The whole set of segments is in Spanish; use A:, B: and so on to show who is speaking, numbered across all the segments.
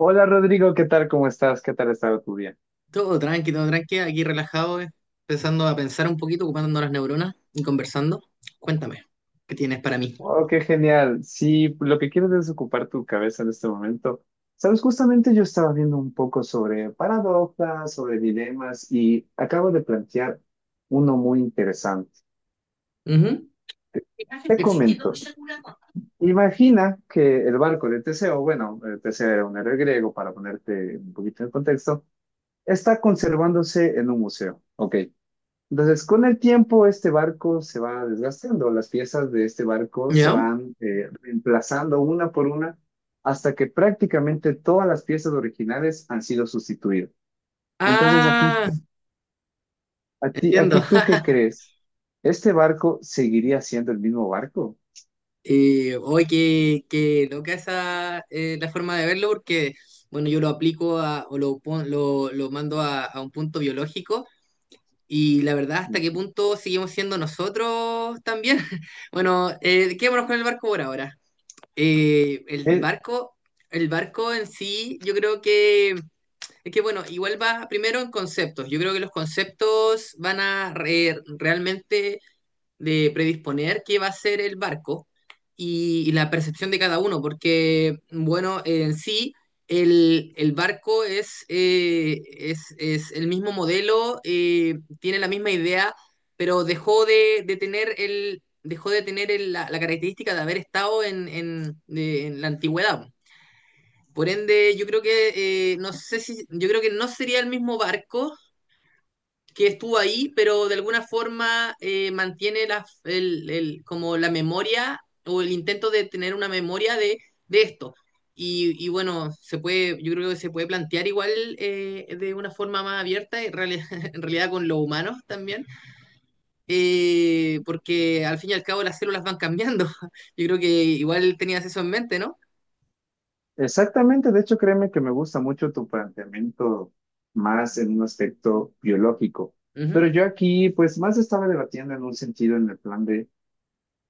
A: Hola Rodrigo, ¿qué tal? ¿Cómo estás? ¿Qué tal ha estado tu día?
B: Todo tranqui, aquí relajado, empezando a pensar un poquito, ocupando las neuronas y conversando. Cuéntame, ¿qué tienes para mí?
A: Wow, qué genial. Sí, lo que quieres es ocupar tu cabeza en este momento. Sabes, justamente yo estaba viendo un poco sobre paradojas, sobre dilemas y acabo de plantear uno muy interesante.
B: Ujú.
A: Te comento, imagina que el barco de Teseo, bueno, Teseo era un héroe griego, para ponerte un poquito en contexto, está conservándose en un museo. Ok. Entonces, con el tiempo, este barco se va desgastando, las piezas de este barco se
B: ¿Ya?
A: van reemplazando una por una hasta que prácticamente todas las piezas originales han sido sustituidas. Entonces, aquí
B: Ah,
A: tú,
B: entiendo.
A: aquí tú, ¿qué crees? ¿Este barco seguiría siendo el mismo barco?
B: Oye, qué loca esa la forma de verlo, porque, bueno, yo lo aplico a, o lo, pon- lo mando a un punto biológico, y la verdad, ¿hasta qué punto seguimos siendo nosotros también? Bueno, quedémonos con el barco por ahora. Eh, el
A: Eh,
B: barco, el barco en sí, yo creo que es que bueno, igual va primero en conceptos. Yo creo que los conceptos van a realmente de predisponer qué va a ser el barco y la percepción de cada uno, porque, bueno, en sí, el barco es, es el mismo modelo, tiene la misma idea, pero dejó de tener el dejó de tener la característica de haber estado en la antigüedad. Por ende, yo creo que no sé si, yo creo que no sería el mismo barco que estuvo ahí, pero de alguna forma mantiene como la memoria o el intento de tener una memoria de esto. Y bueno, se puede, yo creo que se puede plantear igual de una forma más abierta, en realidad con los humanos también, porque al fin y al cabo las células van cambiando. Yo creo que igual tenías eso en mente, ¿no?
A: exactamente, de hecho, créeme que me gusta mucho tu planteamiento más en un aspecto biológico,
B: Ujú,
A: pero yo aquí, pues, más estaba debatiendo en un sentido en el plan de...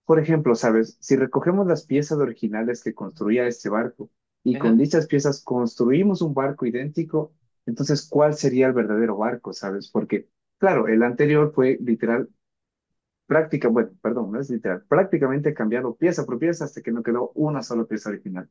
A: Por ejemplo, ¿sabes? Si recogemos las piezas originales que construía este barco y con
B: ajá,
A: dichas piezas construimos un barco idéntico, entonces, ¿cuál sería el verdadero barco? ¿Sabes? Porque, claro, el anterior fue literal, práctica, bueno, perdón, no es literal, prácticamente cambiado pieza por pieza hasta que no quedó una sola pieza original.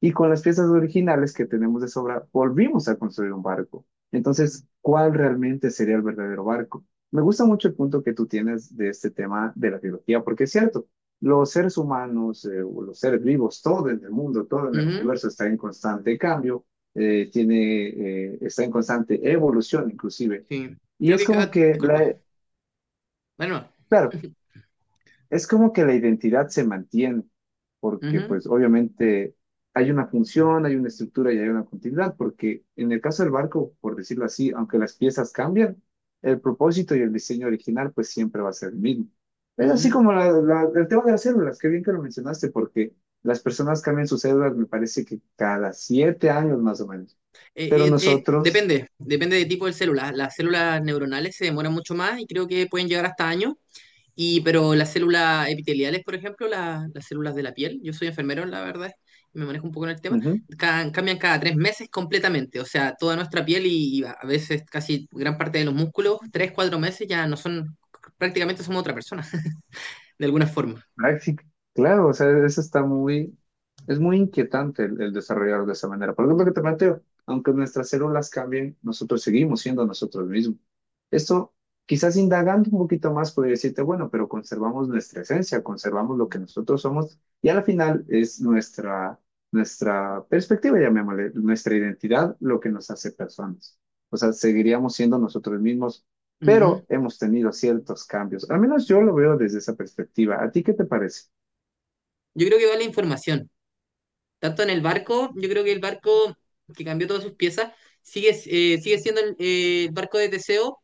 A: Y con las piezas originales que tenemos de sobra, volvimos a construir un barco. Entonces, ¿cuál realmente sería el verdadero barco? Me gusta mucho el punto que tú tienes de este tema de la biología, porque es cierto, los seres humanos, o los seres vivos, todo en el mundo, todo en el
B: ujú,
A: universo está en constante cambio, está en constante evolución inclusive.
B: sí.
A: Y
B: Creo
A: es
B: que
A: como
B: cada...
A: que,
B: Disculpa. Bueno,
A: claro, es como que la identidad se mantiene, porque
B: ujú,
A: pues obviamente hay una función, hay una estructura y hay una continuidad, porque en el caso del barco, por decirlo así, aunque las piezas cambian, el propósito y el diseño original pues siempre va a ser el mismo. Es así
B: ujú.
A: como el tema de las células, qué bien que lo mencionaste, porque las personas cambian sus células, me parece que cada 7 años más o menos, pero nosotros...
B: Depende del tipo de célula. Las células neuronales se demoran mucho más y creo que pueden llegar hasta años. Pero las células epiteliales, por ejemplo, las células de la piel, yo soy enfermero, la verdad, me manejo un poco en el tema,
A: ujú.
B: cambian cada 3 meses completamente. O sea, toda nuestra piel y a veces casi gran parte de los músculos, 3, 4 meses ya no son, prácticamente somos otra persona, de alguna forma.
A: Ah, sí, claro, o sea, eso está muy, es muy inquietante el desarrollar de esa manera. Por ejemplo, que te planteo, aunque nuestras células cambien, nosotros seguimos siendo nosotros mismos. Esto, quizás indagando un poquito más, podría decirte, bueno, pero conservamos nuestra esencia, conservamos lo que nosotros somos y al final es nuestra perspectiva, llamémosle, nuestra identidad, lo que nos hace personas. O sea, seguiríamos siendo nosotros mismos
B: Ujú.
A: pero hemos tenido ciertos cambios. Al menos yo lo veo desde esa perspectiva. ¿A ti qué te parece?
B: Yo creo que vale información. Tanto en el barco, yo creo que el barco que cambió todas sus piezas sigue, sigue siendo el barco de Teseo,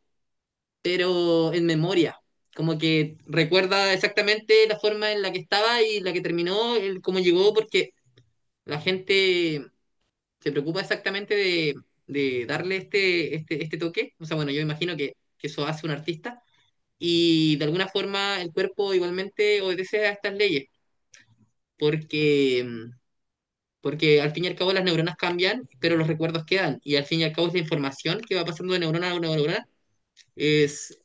B: pero en memoria. Como que recuerda exactamente la forma en la que estaba y la que terminó, el, cómo llegó, porque la gente se preocupa exactamente de darle este toque. O sea, bueno, yo imagino que eso hace un artista. Y de alguna forma el cuerpo igualmente obedece a estas leyes, porque porque al fin y al cabo las neuronas cambian, pero los recuerdos quedan. Y al fin y al cabo es la información que va pasando de neurona a neurona. Es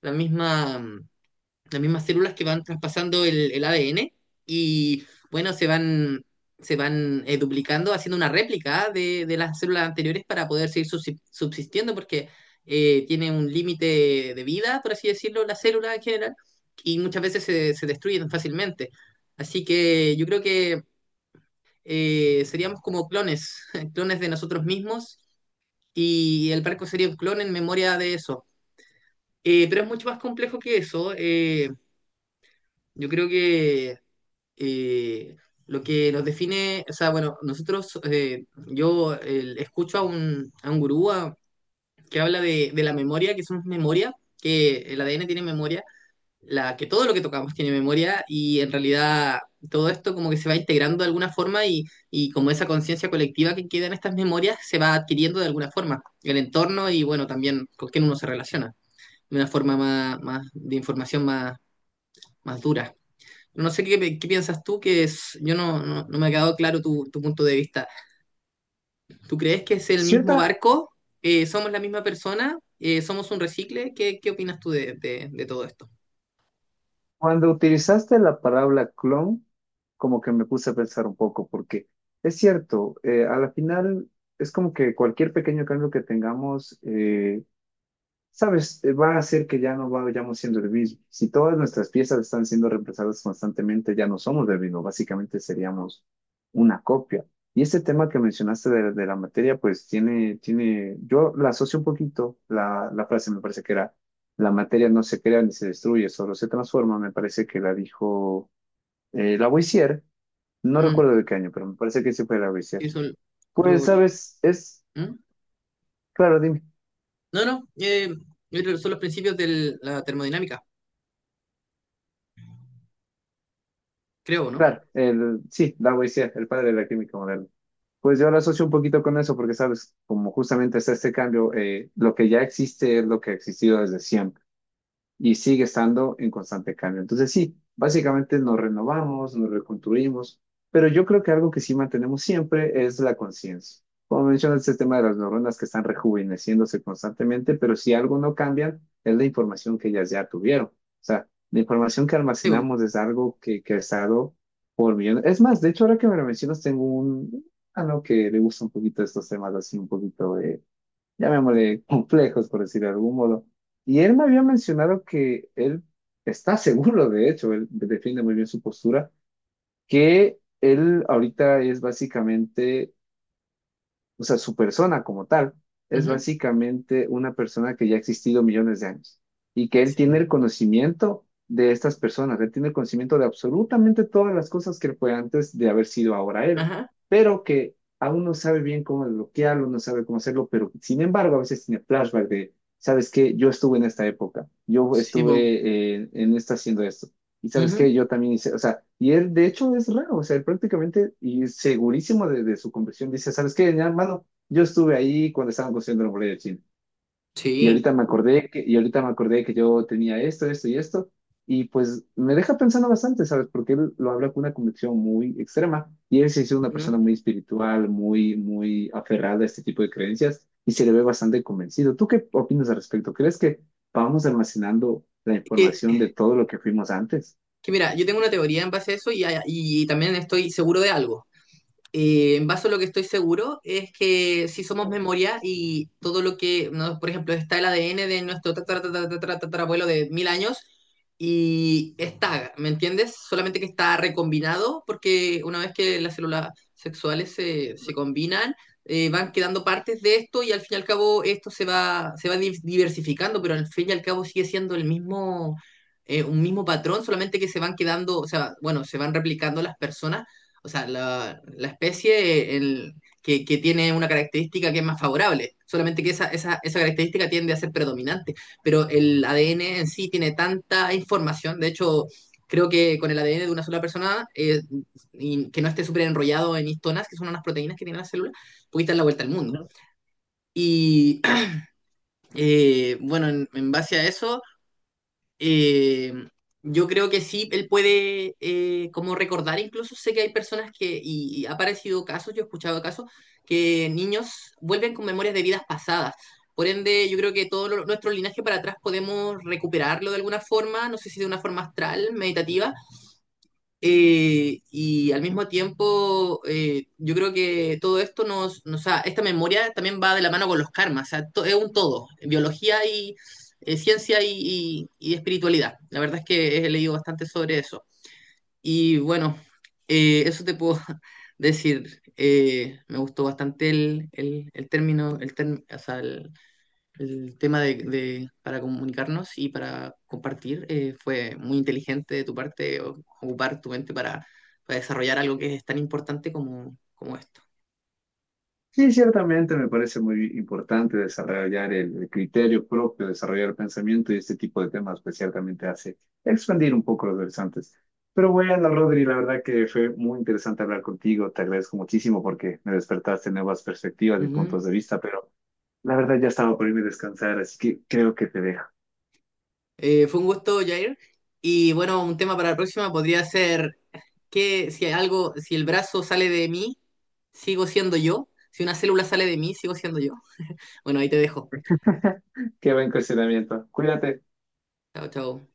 B: la misma, las mismas células que van traspasando el ADN y bueno, se van duplicando, haciendo una réplica de las células anteriores para poder seguir subsistiendo, porque tiene un límite de vida, por así decirlo, la célula en general, y muchas veces se destruyen fácilmente. Así que yo creo que seríamos como clones, clones de nosotros mismos y el barco sería un clon en memoria de eso. Pero es mucho más complejo que eso. Yo creo que eh, lo que nos define, o sea, bueno, nosotros, yo escucho a a un gurú que habla de la memoria, que somos memoria, que el ADN tiene memoria. Que todo lo que tocamos tiene memoria y en realidad todo esto como que se va integrando de alguna forma y como esa conciencia colectiva que queda en estas memorias se va adquiriendo de alguna forma. El entorno y bueno, también con quién uno se relaciona, de una forma más, más de información más, más dura. No sé qué, qué piensas tú, que es, yo no me ha quedado claro tu, tu punto de vista. ¿Tú crees que es el mismo
A: Cierta,
B: barco? ¿Somos la misma persona? ¿Somos un recicle? ¿Qué, qué opinas tú de todo esto?
A: cuando utilizaste la palabra clon, como que me puse a pensar un poco, porque es cierto, a la final es como que cualquier pequeño cambio que tengamos, va a hacer que ya no vayamos siendo el mismo. Si todas nuestras piezas están siendo reemplazadas constantemente, ya no somos el mismo, básicamente seríamos una copia. Y este tema que mencionaste de la materia, pues tiene, yo la asocio un poquito, la frase me parece que era, la materia no se crea ni se destruye, solo se transforma, me parece que la dijo Lavoisier, no
B: Mm,
A: recuerdo de qué año, pero me parece que sí fue Lavoisier.
B: eso
A: Pues,
B: lo- lo-
A: sabes, es,
B: ¿Mm?
A: claro, dime,
B: No, no, Yo creo que son los principios de la termodinámica, creo, ¿no?
A: claro, el, sí, Lavoisier, el padre de la química moderna. Pues yo lo asocio un poquito con eso porque, sabes, como justamente está este cambio, lo que ya existe es lo que ha existido desde siempre y sigue estando en constante cambio. Entonces, sí, básicamente nos renovamos, nos reconstruimos, pero yo creo que algo que sí mantenemos siempre es la conciencia. Como mencionas, este tema de las neuronas que están rejuveneciéndose constantemente, pero si algo no cambia, es la información que ellas ya tuvieron. O sea, la información que
B: Sí, po.
A: almacenamos es algo que ha estado por millón. Es más, de hecho, ahora que me lo mencionas, tengo un algo que le gusta un poquito estos temas así, un poquito de, llamémosle, complejos, por decir de algún modo. Y él me había mencionado que él está seguro, de hecho, él defiende muy bien su postura, que él ahorita es básicamente o sea, su persona como tal es
B: Ujú.
A: básicamente una persona que ya ha existido millones de años y que él
B: Sí,
A: tiene el conocimiento de estas personas, él tiene el conocimiento de absolutamente todas las cosas que fue antes de haber sido ahora él,
B: ajá.
A: pero que aún no sabe bien cómo desbloquearlo, no sabe cómo hacerlo, pero sin embargo a veces tiene flashback de, ¿sabes qué? Yo estuve en esta época, yo
B: Sí, po.
A: estuve en esta haciendo esto. Y sabes
B: Ujú.
A: qué, yo también hice, o sea, y él de hecho es raro, o sea, él prácticamente y segurísimo de su convicción dice, ¿sabes qué, mi hermano? Yo estuve ahí cuando estaban construyendo la muralla de China. Y
B: Sí.
A: ahorita me acordé que, y ahorita me acordé que yo tenía esto, esto y esto. Y pues me deja pensando bastante, ¿sabes? Porque él lo habla con una convicción muy extrema. Y él se hizo una
B: Ujú.
A: persona muy espiritual, muy aferrada a este tipo de creencias y se le ve bastante convencido. ¿Tú qué opinas al respecto? ¿Crees que vamos almacenando la
B: Es
A: información de todo lo que fuimos antes?
B: que mira, yo tengo una teoría en base a eso y también estoy seguro de algo. En base a lo que estoy seguro es que si somos memoria y todo lo que, ¿no? Por ejemplo, está el ADN de nuestro tatarabuelo de 1000 años y está, ¿me entiendes? Solamente que está recombinado porque una vez que las células sexuales se combinan, van quedando partes de esto y al fin y al cabo esto se va diversificando, pero al fin y al cabo sigue siendo el mismo, un mismo patrón, solamente que se van quedando, o sea, bueno, se van replicando las personas, o sea, la especie que tiene una característica que es más favorable, solamente que esa característica tiende a ser predominante, pero el ADN en sí tiene tanta información, de hecho, creo que con el ADN de una sola persona, y que no esté súper enrollado en histonas, que son unas proteínas que tienen las células, pudiste dar la vuelta al mundo. Y bueno, en base a eso... Eh, yo creo que sí, él puede como recordar, incluso sé que hay personas que, y ha aparecido casos, yo he escuchado casos, que niños vuelven con memorias de vidas pasadas. Por ende, yo creo que nuestro linaje para atrás podemos recuperarlo de alguna forma, no sé si de una forma astral, meditativa, y al mismo tiempo, yo creo que todo esto o sea, esta memoria también va de la mano con los karmas, o sea, es un todo, biología y ciencia y espiritualidad. La verdad es que he leído bastante sobre eso. Y bueno, eso te puedo decir. Me gustó bastante el término, o sea, el tema para comunicarnos y para compartir fue muy inteligente de tu parte ocupar tu mente para desarrollar algo que es tan importante como, como esto.
A: Sí, ciertamente me parece muy importante desarrollar el criterio propio, desarrollar el pensamiento y este tipo de temas, pues ciertamente hace expandir un poco los horizontes. Pero bueno, Rodri, la verdad que fue muy interesante hablar contigo, te agradezco muchísimo porque me despertaste nuevas perspectivas y
B: Ujú.
A: puntos de vista, pero la verdad ya estaba por irme a descansar, así que creo que te dejo.
B: Fue un gusto, Jair. Y bueno, un tema para la próxima podría ser que si algo, si el brazo sale de mí, sigo siendo yo. Si una célula sale de mí, sigo siendo yo. Bueno, ahí te dejo.
A: Qué buen cuestionamiento. Cuídate.
B: Chao, chao.